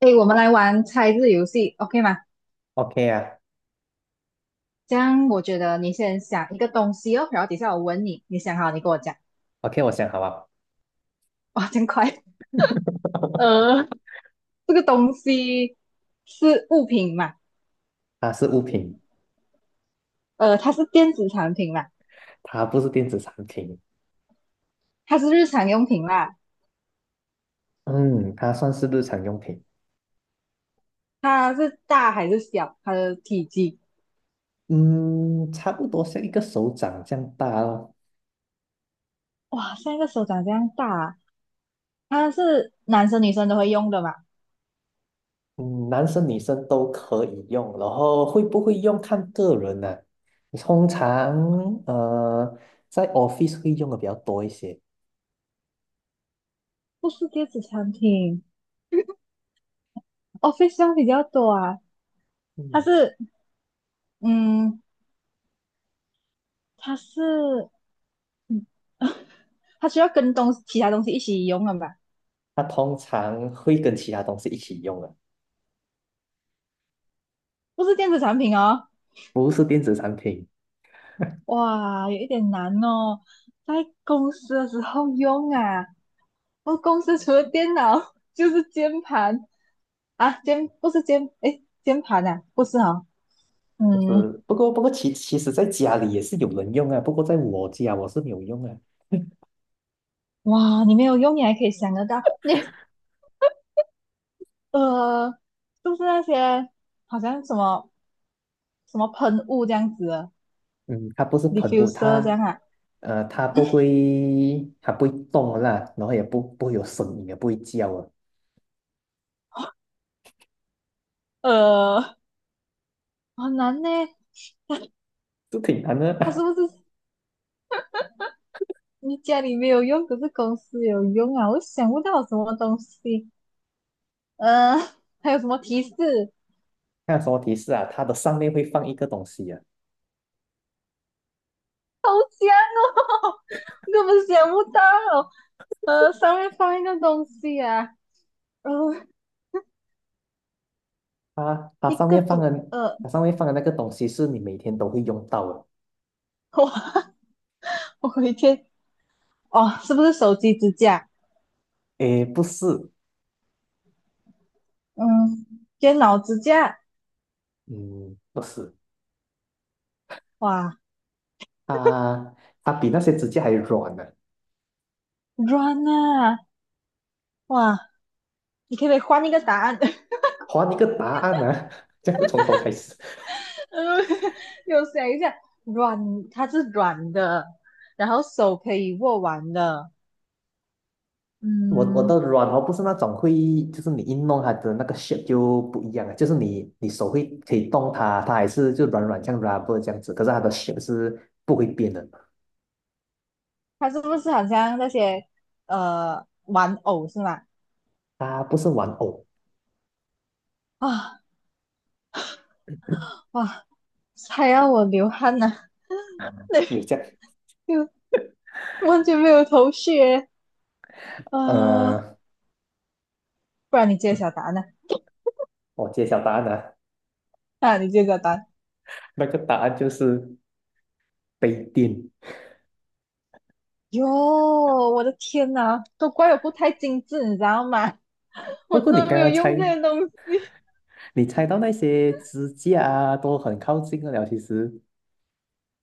诶，我们来玩猜字游戏，OK 吗？OK 啊这样我觉得你先想一个东西哦，然后底下我问你，你想好你跟我讲。，OK,我想好了。哇，真快！呃，这个东西是物品嘛？它是物品。它是电子产品嘛？它不是电子产品。它是日常用品啦？嗯，它算是日常用品。它是大还是小？它的体积？嗯，差不多像一个手掌这样大哦。哇，像一个手掌这样大啊它是男生女生都会用的嘛？嗯，男生女生都可以用，然后会不会用看个人呢、通常呃，在 office 会用的比较多一些。不是电子产品，office 用比较多啊。它嗯，是，嗯，它是。它需要跟其他东西一起用了吧？它通常会跟其他东西一起用的。不是电子产品哦，不是电子产品。哇，有一点难哦，在公司的时候用啊。我公司除了电脑就是键盘啊，键不是键，诶，键盘啊，不是哦，就嗯，是，不过其实在家里也是有人用啊，不过在我家我是没有用啊。哇，你没有用，你还可以想得到，呃，就是那些好像什么喷雾这样子的嗯，它不是喷雾，，diffuser 这它样啊，它不嗯会，它不会动啦，然后也不会有声音，也不会叫啊，呃，好难呢，这挺难它是的。不 是你家里没有用，可是公司有用啊！我想不到什么东西，呃，还有什么提示？看有什么提示啊？它的上面会放一个东西啊，根本想不到。上面放一个东西啊，呃，它一上个面放东，的，呃，它上面放的那个东西是你每天都会用到的。我我回天，哦，是不是手机支架？诶，不是。嗯，电脑支架，嗯，不是，哇，它它比那些指甲还软呢、软啊，哇，你可不可以换一个答案？还你一个答案啊，这样不从头开始。嗯，有想一下，软，它是软的，然后手可以握完的，我嗯。的软毛不是那种会，就是你一弄它的那个 shape 就不一样了，就是你手会可以动它，它还是就软软像 rubber 这样子，可是它的 shape 是不会变的。它是不是好像那些玩偶是吗？它不是玩偶，啊哇，还要我流汗呢，那有这样，就完全没有头绪耶。呃呃，不然你揭晓答案呢？我揭晓答案了，啊，你揭晓答案。那个答案就是杯垫。哟，我的天呐，都怪我不太精致，你知道吗？我不真过你的刚没有刚猜，用这些东西，你猜到那些支架啊，都很靠近了。其实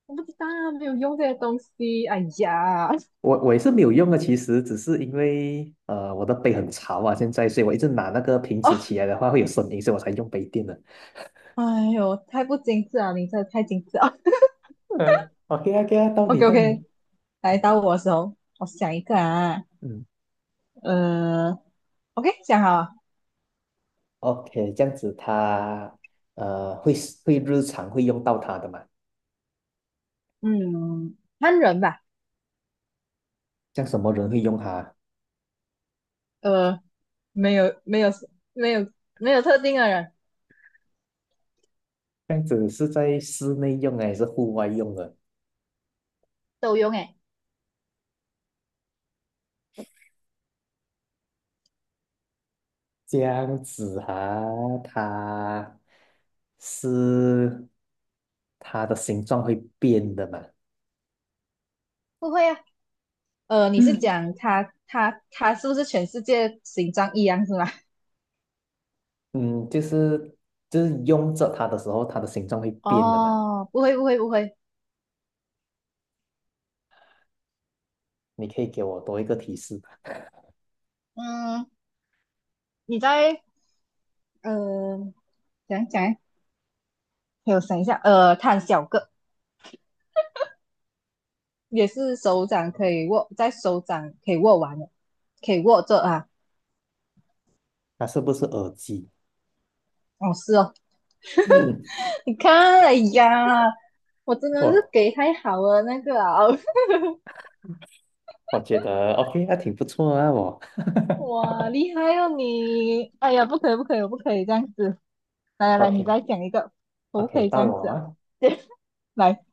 我不知道啊没有用这些东西。哎呀，我也是没有用的，其实只是因为呃我的杯很潮啊，现在所以我一直拿那个瓶子哦，起来的话会有声音，所以我才用杯垫的。哎呦，太不精致了，你真的太精致了。嗯，OK 啊，OK 啊，到 OK 你到 OK,你，来到我的时候，我想一个啊，嗯，呃。OK,想好 OK,这样子他会会日常会用到它的嘛？嗯，看人吧，像什么人会用它？呃，没有没有没有没有特定的人这样子是在室内用还是户外用的？都用诶，这样子啊，它是它的形状会变的嘛？不会啊，你是嗯，讲他是不是全世界形状一样是吗？嗯，就是就是用着它的时候，它的形状会 变的嘛？哦，不会，你可以给我多一个提示吧？嗯，你在呃讲讲诶，给我想一下，它很小个，也是手掌可以握，在手掌可以握完的，可以握着啊，它是不是耳机？哦是哦，嗯。你看，哎呀，我真的哇，是给太好了那个啊。哦我觉得 OK,那挺不错啊，我 哇，厉害哦你！哎呀，不可以，不可以，我不可以这样子。来来来，你 OK 再讲一个，我不可 OK,以这到样子我啊。啊 来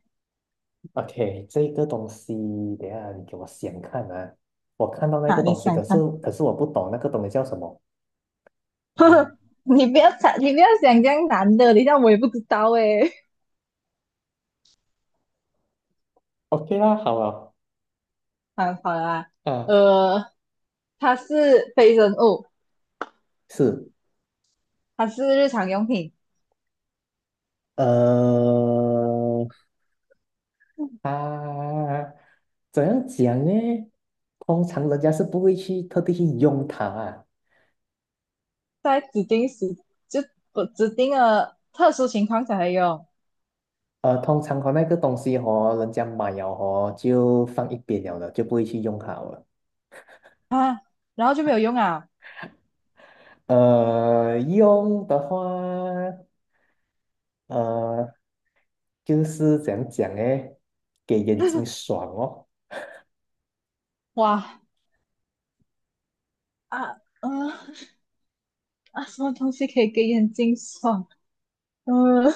，OK,这个东西，等一下你给我想看啊，我看到那啊，个你东西，想可是看？可是我不懂那个东西叫什么。嗯 你不要想，你不要想这样难的，等一下我也不知道诶。，OK 啦，好了。好，好了啦，啊，呃，它是非人物，是。它是日常用品，呃，啊，怎样讲呢？通常人家是不会去特地去用它啊。在指定时就不指定的特殊情况才会用呃，通常和那个东西和人家买了和就放一边了的，就不会去用它了。啊，然后就没有用啊。用的话，呃，就是怎样讲诶，给眼睛爽哦。哇啊嗯、啊，什么东西可以给眼睛爽？嗯、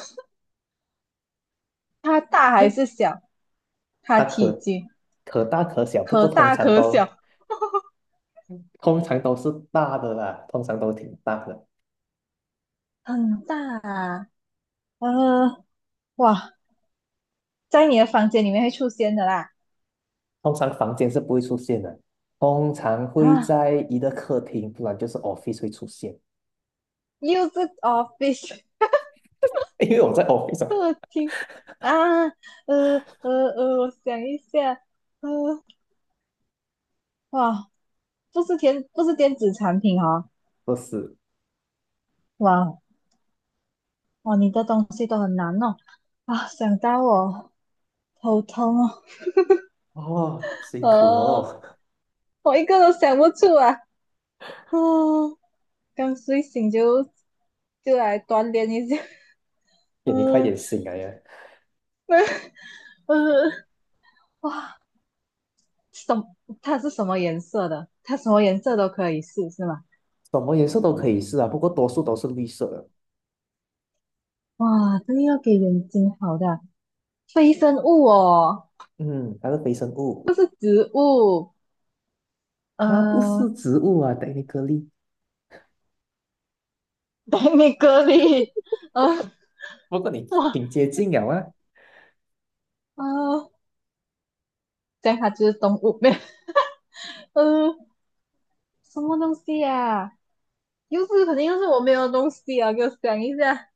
它大还是小？它它体可积可大可小，不可过通大常可小，都通常都是大的啦，通常都挺大的。很大啊。呃，哇，在你的房间里面会出现的啦。通常房间是不会出现的，通常会啊，在一个客厅，不然就是 office 会出现。又是 office 因为我在 office 啊。客厅啊，呃我想一下，呃，哇，不是电子产品哦，不是哇哇，你的东西都很难弄啊，想到我头痛哦，哦，辛苦呃，哦，我一个都想不出啊，哦，刚睡醒就就来锻炼一下。你快嗯点醒来呀！嗯，哇，什它是什么颜色的？它什么颜色都可以试，是吗？什么颜色都可以试啊，不过多数都是绿色的。哇，这个要给人惊好的非生物哦，嗯，它是非生物，不是植物。它不是呃，植物啊 t e 颗粒。等你隔离。呃，不过你哇，挺接近了啊，呃，这样它就是动物没有？呃，什么东西呀、又是肯定又是我没有的东西啊，给我讲一下。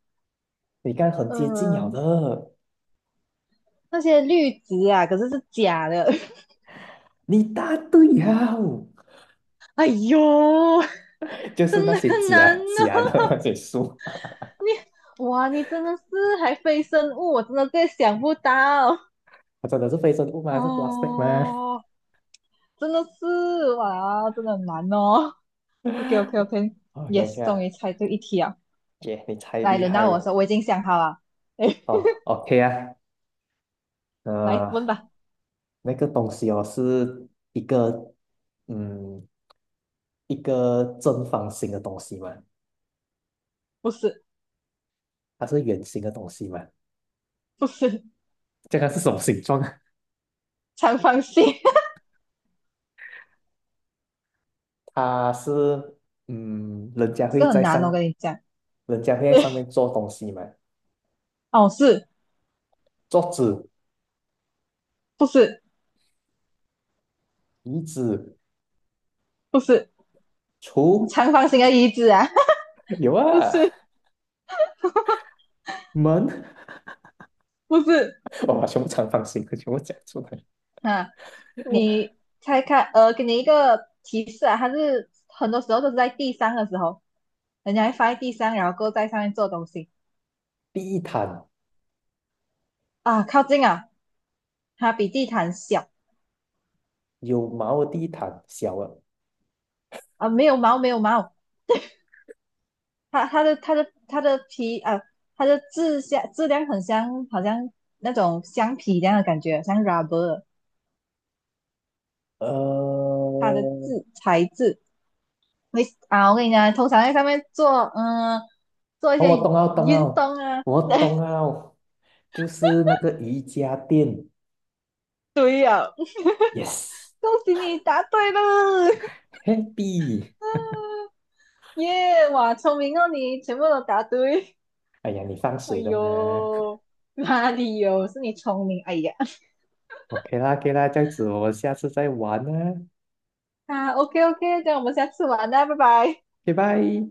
你看很嗯、接近了呃的，那些绿植啊，可是是假的。你答对呀，哎呦，就是真那的些很难假假哦。的 那些树。你哇，你真的是还非生物，我真的在想不到它真的是非生物吗？是 plastic 吗哦，真的是哇，真的很难哦。OK OK ？OK OK OK，Yes，啊，终于猜对一题啊！耶、你太来，厉轮害到我说，了。我已经想好了。哎，哦，OK 啊。来呃，问吧。那个东西哦是一个，嗯，一个正方形的东西嘛？不是，它是圆形的东西嘛？不是，这个是什么形状？长方形，它是嗯，人家 这会个很在难哦，我上，跟你讲。人家会在对，上面做东西嘛？哦，是，桌子、不是，椅子、不是，橱，长方形的椅子啊，有 不啊，是，门，不是，我把全部长方形的全部讲出来。啊，你猜看，给你一个提示啊，它是很多时候都是在地上的时候，人家会放在地上，然后够在上面做东西地毯，啊，靠近啊，它比地毯小有毛的地毯，小的，啊，没有毛，没有毛，它的皮啊，它的质像质量很像，好像那种橡皮一样的感觉，像 rubber,呃，它的质哦材质会啊，我跟你讲，通常在上面做嗯做一我些懂了，懂运了，动啊，我懂了，就是那个瑜伽垫恭喜你答对了。，yes，happy。耶、哇，聪明哦你，全部都答对。哎呀，你放 哎水的嘛呦，哪里有？是你聪明。哎呀，？OK 啦，OK 啦，这样子我们下次再玩啦，啊，OK OK,这样我们下次玩啦，拜拜。拜拜。